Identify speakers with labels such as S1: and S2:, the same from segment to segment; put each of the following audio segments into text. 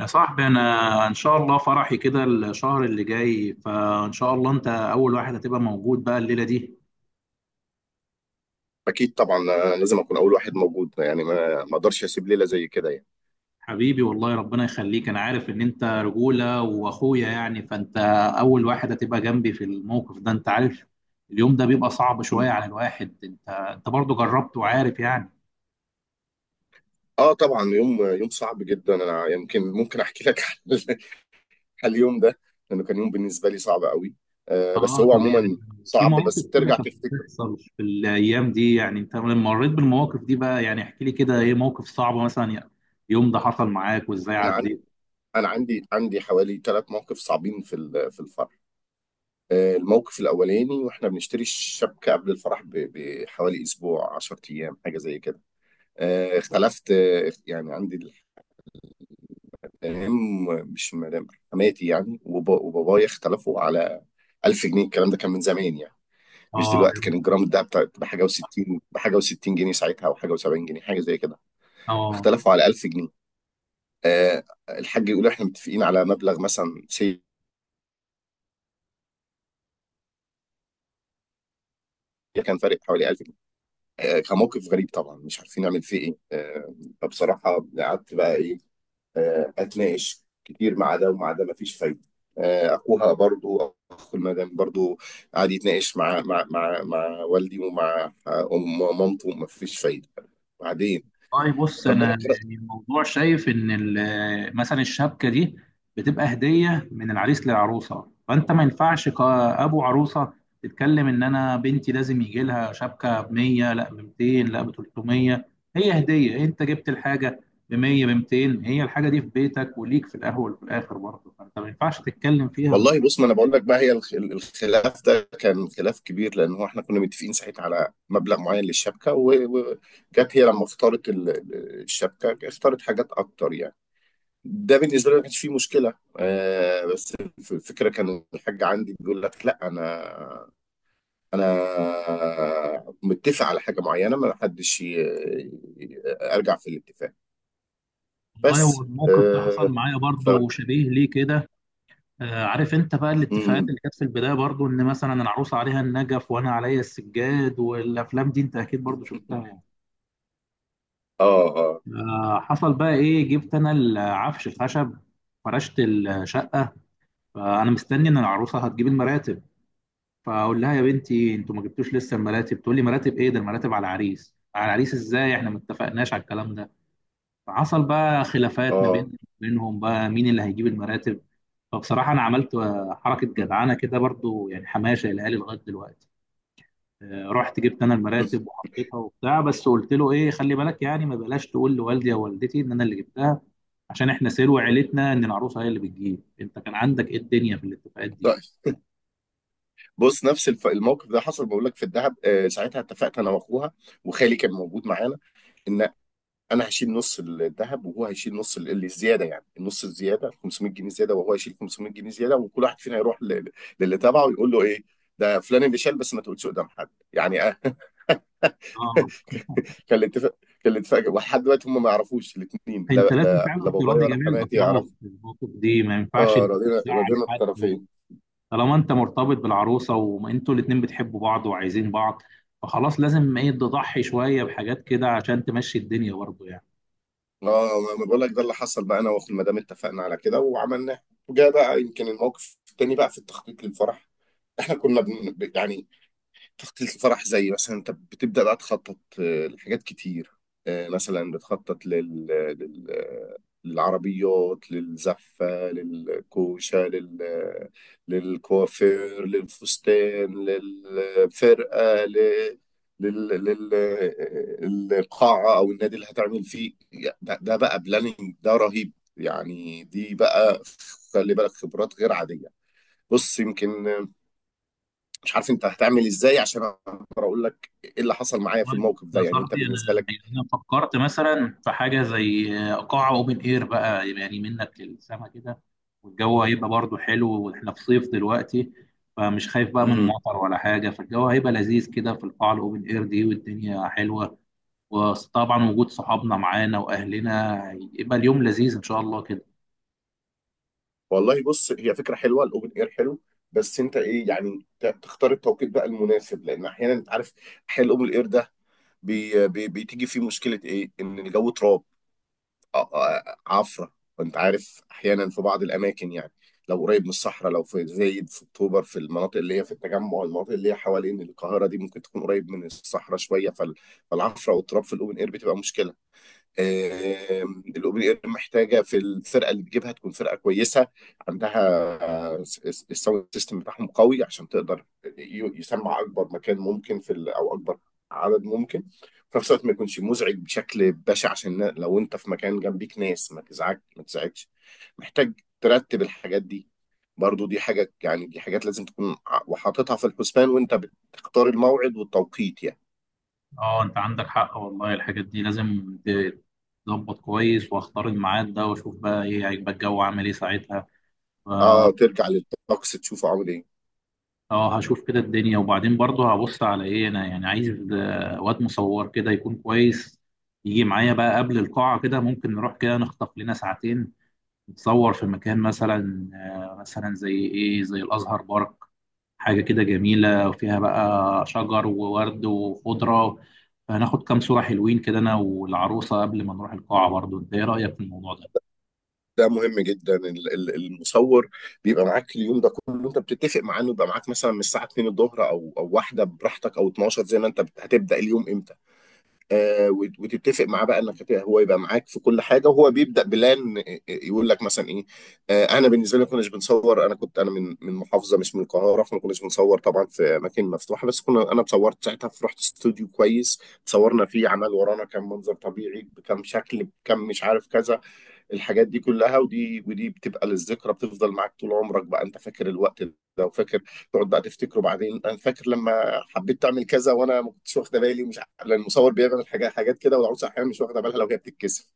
S1: يا صاحبي، انا ان شاء الله فرحي كده الشهر اللي جاي، فان شاء الله انت اول واحد هتبقى موجود بقى الليله دي.
S2: اكيد طبعا. أنا لازم اكون اول واحد موجود يعني ما اقدرش اسيب ليله زي كده يعني.
S1: حبيبي، والله ربنا يخليك. انا عارف ان انت رجوله واخويا يعني، فانت اول واحد هتبقى جنبي في الموقف ده، انت عارف. اليوم ده بيبقى صعب
S2: م.
S1: شويه على الواحد. انت برضه جربت وعارف يعني.
S2: اه طبعا، يوم يوم صعب جدا. انا يمكن ممكن احكي لك على ال- على اليوم ده، لانه كان يوم بالنسبه لي صعب قوي. بس
S1: اه،
S2: هو
S1: طب يعني
S2: عموما
S1: في
S2: صعب، بس
S1: مواقف كده
S2: بترجع
S1: كانت
S2: تفتكره.
S1: بتحصل في الايام دي، يعني انت لما مريت بالمواقف دي بقى، يعني احكي لي كده ايه موقف صعب مثلا يعني، اليوم ده حصل معاك وازاي
S2: انا عندي
S1: عديت؟
S2: انا عندي عندي حوالي ثلاث مواقف صعبين في الفرح. الموقف الاولاني، واحنا بنشتري الشبكه قبل الفرح بحوالي اسبوع، 10 ايام، حاجه زي كده. اختلفت، يعني عندي، فاهم؟ مش مدام حماتي يعني وبابايا اختلفوا على 1000 جنيه. الكلام ده كان من زمان يعني، مش
S1: اه،
S2: دلوقتي. كان الجرام ده بحاجه و60 جنيه ساعتها، او حاجه و70 جنيه، حاجه زي كده.
S1: اه،
S2: اختلفوا على 1000 جنيه. الحاج يقول احنا متفقين على مبلغ مثلا سي، كان فارق حوالي 1000 جنيه. كان موقف غريب طبعا، مش عارفين نعمل فيه ايه. فبصراحه، قعدت بقى ايه، اتناقش كتير مع ده ومع ده، مفيش فايده. اخوها برضو، اخو المدام برضو، قعد يتناقش مع والدي ومع، ام مامته، مفيش فايده. بعدين
S1: طيب بص، انا
S2: ربنا كرم.
S1: يعني الموضوع شايف ان مثلا الشبكه دي بتبقى هديه من العريس للعروسه، فانت ما ينفعش كابو عروسه تتكلم ان انا بنتي لازم يجي لها شبكه ب 100، لا ب 200، لا ب 300. هي هديه، انت جبت الحاجه ب 100 ب 200، هي الحاجه دي في بيتك وليك في الاول وفي الاخر برضه، فانت ما ينفعش تتكلم فيها.
S2: والله بص، ما انا بقول لك بقى، هي الخلاف ده كان خلاف كبير، لان هو احنا كنا متفقين ساعتها على مبلغ معين للشبكه، وجت هي لما اختارت الشبكه، اختارت حاجات اكتر يعني. ده بالنسبه لي ما كانش فيه مشكله. بس الفكره، كان الحاج عندي بيقول لك: لا، انا، انا متفق على حاجه معينه، ما حدش ي- ارجع في الاتفاق.
S1: والله،
S2: بس.
S1: والموقف ده حصل
S2: آه
S1: معايا
S2: ف
S1: برضه شبيه ليه كده. آه، عارف انت بقى الاتفاقات
S2: مم.
S1: اللي كانت في البداية برضو ان مثلا العروسة عليها النجف وانا عليا السجاد والافلام دي، انت اكيد برضو شفتها يعني.
S2: اه اه.
S1: آه، حصل بقى ايه، جبت انا العفش خشب، فرشت الشقة، فانا مستني ان العروسة هتجيب المراتب. فاقول لها يا بنتي انتوا ما جبتوش لسه المراتب؟ تقول لي مراتب ايه؟ ده المراتب على العريس، على العريس ازاي؟ احنا ما اتفقناش على الكلام ده. فحصل بقى خلافات ما
S2: اه
S1: بينهم بقى مين اللي هيجيب المراتب. فبصراحة أنا عملت حركة
S2: مم.
S1: جدعانة كده برضو، يعني حماية شايلها لي لغاية دلوقتي. آه، رحت جبت أنا المراتب وحطيتها وبتاع، بس قلت له إيه، خلي بالك يعني ما بلاش تقول لوالدي أو والدتي إن أنا اللي جبتها، عشان إحنا سلو عيلتنا إن العروسة هي اللي بتجيب. أنت كان عندك إيه الدنيا في الاتفاقات دي؟
S2: طيب، بص. نفس الموقف ده حصل، بقول لك في الدهب. ساعتها اتفقت انا واخوها، وخالي كان موجود معانا، ان انا هشيل نص الذهب، وهو هيشيل نص اللي الزياده، يعني النص الزياده 500 جنيه زياده، وهو هيشيل 500 جنيه زياده، وكل واحد فينا يروح للي تبعه يقول له ايه: ده فلان اللي شال، بس ما تقولش قدام حد يعني.
S1: آه،
S2: كان الاتفاق. ولحد دلوقتي هم ما يعرفوش، الاثنين، لا
S1: أنت لازم
S2: لا لا،
S1: فعلا
S2: بابايا
S1: تراضي
S2: ولا
S1: جميع
S2: حماتي
S1: الأطراف
S2: يعرفوا.
S1: في الموقف دي، ما ينفعش إن
S2: اه،
S1: أنت
S2: رضينا،
S1: تزعل
S2: رضينا
S1: حد.
S2: الطرفين.
S1: طالما انت مرتبط بالعروسه وانتوا الاتنين بتحبوا بعض وعايزين بعض، فخلاص لازم ايه تضحي شويه بحاجات كده عشان تمشي الدنيا برضه يعني.
S2: اه، ما بقول لك، ده اللي حصل بقى. انا واخو المدام اتفقنا على كده وعملناه. وجا بقى يمكن الموقف التاني بقى في التخطيط للفرح. احنا كنا يعني، تخطيط الفرح، زي مثلا انت بتبدأ بقى تخطط لحاجات كتير. مثلا بتخطط للعربيات، للزفة، للكوشة، للكوافير، للفستان، للفرقة، القاعة أو النادي اللي هتعمل فيه. ده بقى بلاننج، ده رهيب يعني. دي بقى، خلي بالك، خبرات غير عادية. بص، يمكن مش عارف انت هتعمل ازاي، عشان اقدر اقول لك ايه اللي حصل معايا في
S1: والله بص
S2: الموقف ده،
S1: يا
S2: يعني انت
S1: صاحبي، انا
S2: بالنسبه لك.
S1: يعني انا فكرت مثلا في حاجه زي قاعه اوبن اير بقى، يعني منك للسما كده، والجو هيبقى برضه حلو واحنا في صيف دلوقتي، فمش خايف بقى من
S2: امم.
S1: مطر ولا حاجه، فالجو هيبقى لذيذ كده في القاعه الاوبن اير دي والدنيا حلوه. وطبعا وجود صحابنا معانا واهلنا يبقى اليوم لذيذ ان شاء الله كده.
S2: والله بص، هي فكره حلوه، الاوبن اير حلو. بس انت ايه يعني، تختار التوقيت بقى المناسب، لان احيانا انت عارف، احيانا الاوبن اير ده بي بي بتيجي فيه مشكله ايه، ان الجو تراب، عفره. وانت عارف احيانا في بعض الاماكن يعني، لو قريب من الصحراء، لو في زايد، في اكتوبر، في المناطق اللي هي في التجمع، المناطق اللي هي حوالين القاهره دي، ممكن تكون قريب من الصحراء شويه، فالعفره والتراب في الاوبن اير بتبقى مشكله. الاوبن اير محتاجه، في الفرقه اللي تجيبها تكون فرقه كويسه، عندها الساوند سيستم بتاعهم قوي، عشان تقدر يسمع اكبر مكان ممكن في او اكبر عدد ممكن، في نفس الوقت ما يكونش مزعج بشكل بشع، عشان لو انت في مكان جنبيك ناس، ما تزعجش. محتاج ترتب الحاجات دي. برضو دي حاجة، يعني دي حاجات لازم تكون وحاططها في الحسبان، وانت بتختار الموعد والتوقيت يعني.
S1: اه، انت عندك حق والله. الحاجات دي لازم تظبط كويس، واختار الميعاد ده واشوف بقى ايه هيبقى الجو عامل ايه ساعتها. ف-
S2: اه، ترجع للطقس تشوفه عامل ايه.
S1: اه، هشوف كده الدنيا، وبعدين برضه هبص على ايه، انا يعني عايز واد مصور كده يكون كويس، يجي معايا بقى قبل القاعة، كده ممكن نروح كده نخطف لنا ساعتين نتصور في مكان مثلا زي ايه زي الازهر بارك. حاجة كده جميلة وفيها بقى شجر وورد وخضرة، فهناخد كام صورة حلوين كده أنا والعروسة قبل ما نروح القاعة. برضو أنت إيه رأيك في الموضوع ده؟
S2: ده مهم جدا، المصور بيبقى معاك اليوم ده كله. انت بتتفق معاه انه يبقى معاك، مثلا من الساعه 2 الظهر، او واحده براحتك، او 12، زي ما انت هتبدا اليوم امتى. وتتفق معاه بقى انك هو يبقى معاك في كل حاجه. وهو بيبدا بلان، يقول لك مثلا ايه. انا بالنسبه لي ما كناش بنصور. انا كنت انا من محافظه، مش من القاهره، فما كناش بنصور طبعا في اماكن مفتوحه. بس كنا، انا اتصورت ساعتها، في، رحت استوديو كويس، اتصورنا فيه، عمل ورانا كام منظر طبيعي بكام شكل بكام، مش عارف كذا. الحاجات دي كلها، ودي بتبقى للذكرى، بتفضل معاك طول عمرك. بقى انت فاكر الوقت ده وفاكر، تقعد بقى تفتكره بعدين. انا فاكر لما حبيت تعمل كذا وانا ما كنتش واخده بالي، مش لان المصور بيعمل حاجات، كده، والعروسه احيانا مش واخده بالها لو هي بتتكسف.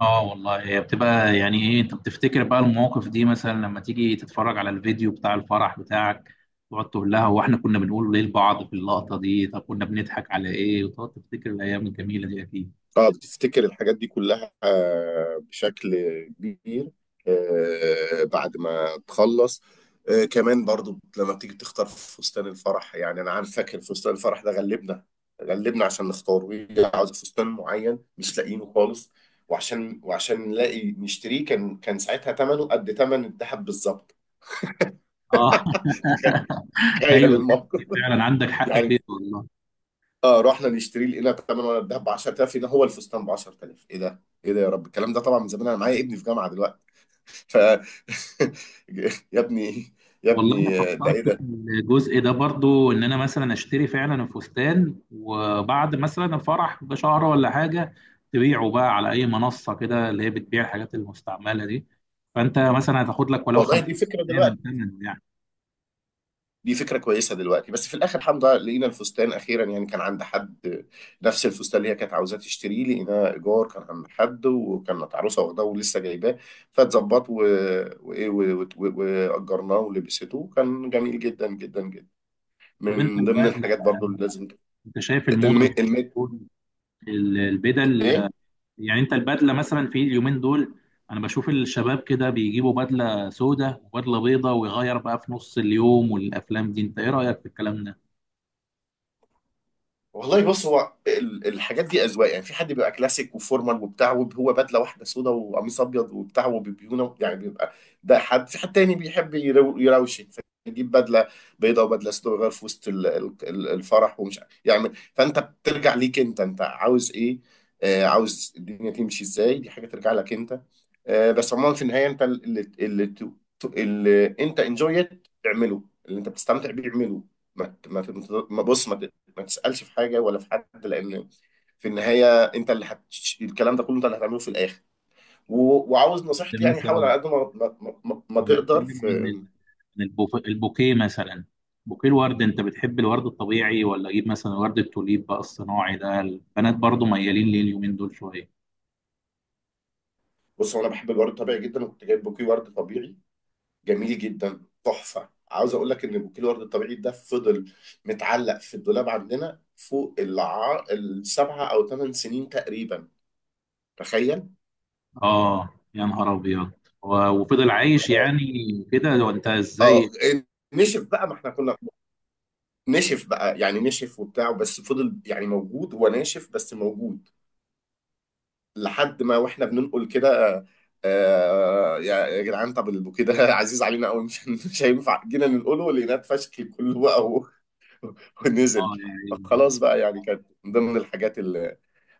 S1: آه والله، هي بتبقى يعني إيه. أنت بتفتكر بقى المواقف دي مثلا لما تيجي تتفرج على الفيديو بتاع الفرح بتاعك، تقعد تقول لها هو إحنا كنا بنقول إيه لبعض في اللقطة دي؟ طب كنا بنضحك على إيه؟ وتقعد تفتكر الأيام الجميلة دي أكيد.
S2: اه بتفتكر الحاجات دي كلها، بشكل كبير، بعد ما تخلص. كمان برضو، لما بتيجي تختار فستان الفرح، يعني انا عارف، فاكر فستان الفرح ده غلبنا، عشان نختاره. هي عاوزه فستان معين مش لاقيينه خالص، وعشان نلاقي نشتريه، كان ساعتها ثمنه قد ثمن الذهب بالظبط.
S1: آه.
S2: تخيل
S1: أيوه، الحتة دي
S2: الموقف
S1: فعلا عندك حق
S2: يعني.
S1: فيها والله.
S2: اه، رحنا نشتري، لقينا تمن ورق الذهب ب 10000، لقينا هو الفستان ب 10000. ايه ده؟ ايه ده يا رب؟ الكلام ده طبعا من زمان، انا معايا ابني في جامعه دلوقتي. ف يا ابني، يا
S1: والله
S2: ابني،
S1: انا
S2: ده ايه
S1: فكرت في
S2: ده؟
S1: الجزء ده برضو، ان انا مثلا اشتري فعلا الفستان وبعد مثلا الفرح بشهر ولا حاجه تبيعه بقى على اي منصه كده اللي هي بتبيع الحاجات المستعمله دي، فانت مثلا هتاخد لك ولو
S2: والله،
S1: 50% من ثمنه يعني.
S2: دي فكره كويسه دلوقتي. بس في الاخر الحمد لله لقينا الفستان اخيرا، يعني كان عند حد، نفس الفستان اللي هي كانت عاوزاه تشتريه، لقيناه ايجار، كان عند حد، وكانت عروسه واخداه ولسه جايباه. فاتظبط واجرناه ولبسته، وكان جميل جدا جدا جدا.
S1: طب انت
S2: من ضمن
S1: البدله،
S2: الحاجات برضو اللي لازم.
S1: انت شايف الموضه دي
S2: الميت الميت.
S1: بتكون البدل،
S2: ايه،
S1: يعني انت البدله مثلا في اليومين دول انا بشوف الشباب كده بيجيبوا بدله سوداء وبدله بيضاء ويغير بقى في نص اليوم والافلام دي، انت ايه رايك في الكلام ده؟
S2: والله بص، هو الحاجات دي اذواق يعني. في حد بيبقى كلاسيك وفورمال وبتاع، وهو بدله واحده سودا وقميص ابيض وبتاع وبيونه، يعني بيبقى ده حد. في حد تاني بيحب يروشن، فيجيب بدله بيضاء وبدله سودا، ويغير في وسط الفرح، ومش عارف يعمل. فانت بترجع ليك انت، عاوز ايه، عاوز الدنيا تمشي ازاي. دي حاجه ترجع لك انت. بس عموما في النهايه، انت اللي انت انجويت اعمله، اللي انت بتستمتع بيه اعمله. ما ت- ما ت- ما- بص ما ما تسألش في حاجة ولا في حد، لأن في النهاية أنت الكلام ده كله أنت اللي هتعمله في الآخر. و... وعاوز نصيحتي يعني، حاول على
S1: مثلا
S2: قد ما ما
S1: لو
S2: تقدر
S1: هنتكلم عن
S2: في.
S1: ال- عن البوكيه مثلا، بوكيه الورد، انت بتحب الورد الطبيعي ولا اجيب مثلا ورد التوليب بقى الصناعي ده، البنات برضو ميالين ليه اليومين دول شويه؟
S2: بص، هو أنا بحب الورد الطبيعي جدا، وكنت جايب بوكيه ورد طبيعي جميل جدا، تحفة. عاوز أقول لك إن بوكيه الورد الطبيعي ده فضل متعلق في الدولاب عندنا فوق 7 أو 8 سنين تقريبا. تخيل.
S1: اه، يا نهار ابيض. و- وفضل عايش
S2: اه
S1: يعني كده. وانت ازاي؟
S2: اه. نشف بقى، ما احنا كنا نشف بقى يعني نشف وبتاع، بس فضل يعني موجود، هو ناشف بس موجود، لحد ما، واحنا بننقل كده. آه، يا جدعان، طب البوكيه ده عزيز علينا قوي، مش مش هينفع. جينا ننقله لقيناه اتفشكل كله بقى،
S1: اه
S2: ونزل.
S1: يعني.
S2: فخلاص بقى، يعني كانت من ضمن الحاجات.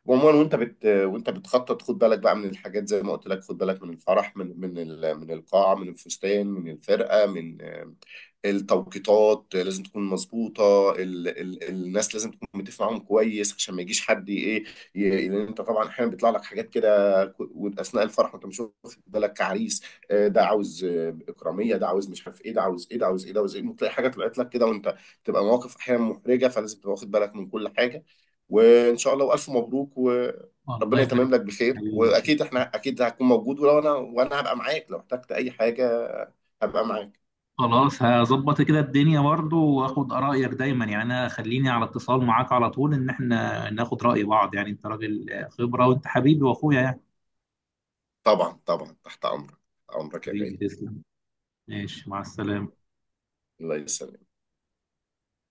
S2: عموما وانت وانت بتخطط، خد بالك بقى من الحاجات زي ما قلت لك. خد بالك من الفرح، من من القاعه، من الفستان، من الفرقه، من، التوقيتات لازم تكون مظبوطه، الناس لازم تكون متفق معاهم كويس، عشان ما يجيش حد ايه، لان انت طبعا احيانا بيطلع لك حاجات كده واثناء الفرح وانت مش واخد بالك كعريس. ده عاوز اكراميه، ده عاوز مش عارف ايه، ده عاوز ايه، ده عاوز ايه، ده عاوز ايه، ممكن تلاقي حاجه طلعت لك كده وانت تبقى. مواقف احيانا محرجه، فلازم تبقى واخد بالك من كل حاجه. وان شاء الله، والف مبروك،
S1: الله
S2: وربنا يتمم
S1: يبارك
S2: لك
S1: فيك
S2: بخير.
S1: حبيبي.
S2: واكيد احنا، هتكون موجود، ولو، انا هبقى معاك لو احتجت اي حاجه، هبقى معاك.
S1: خلاص، هظبط كده الدنيا برضو، واخد ارائك دايما يعني. انا خليني على اتصال معاك على طول، ان احنا ناخد راي بعض يعني، انت راجل خبره وانت حبيبي واخويا يعني.
S2: طبعا طبعا، تحت امرك، تحت امرك يا
S1: حبيبي
S2: غالي.
S1: تسلم، ماشي مع السلامه.
S2: الله يسلمك.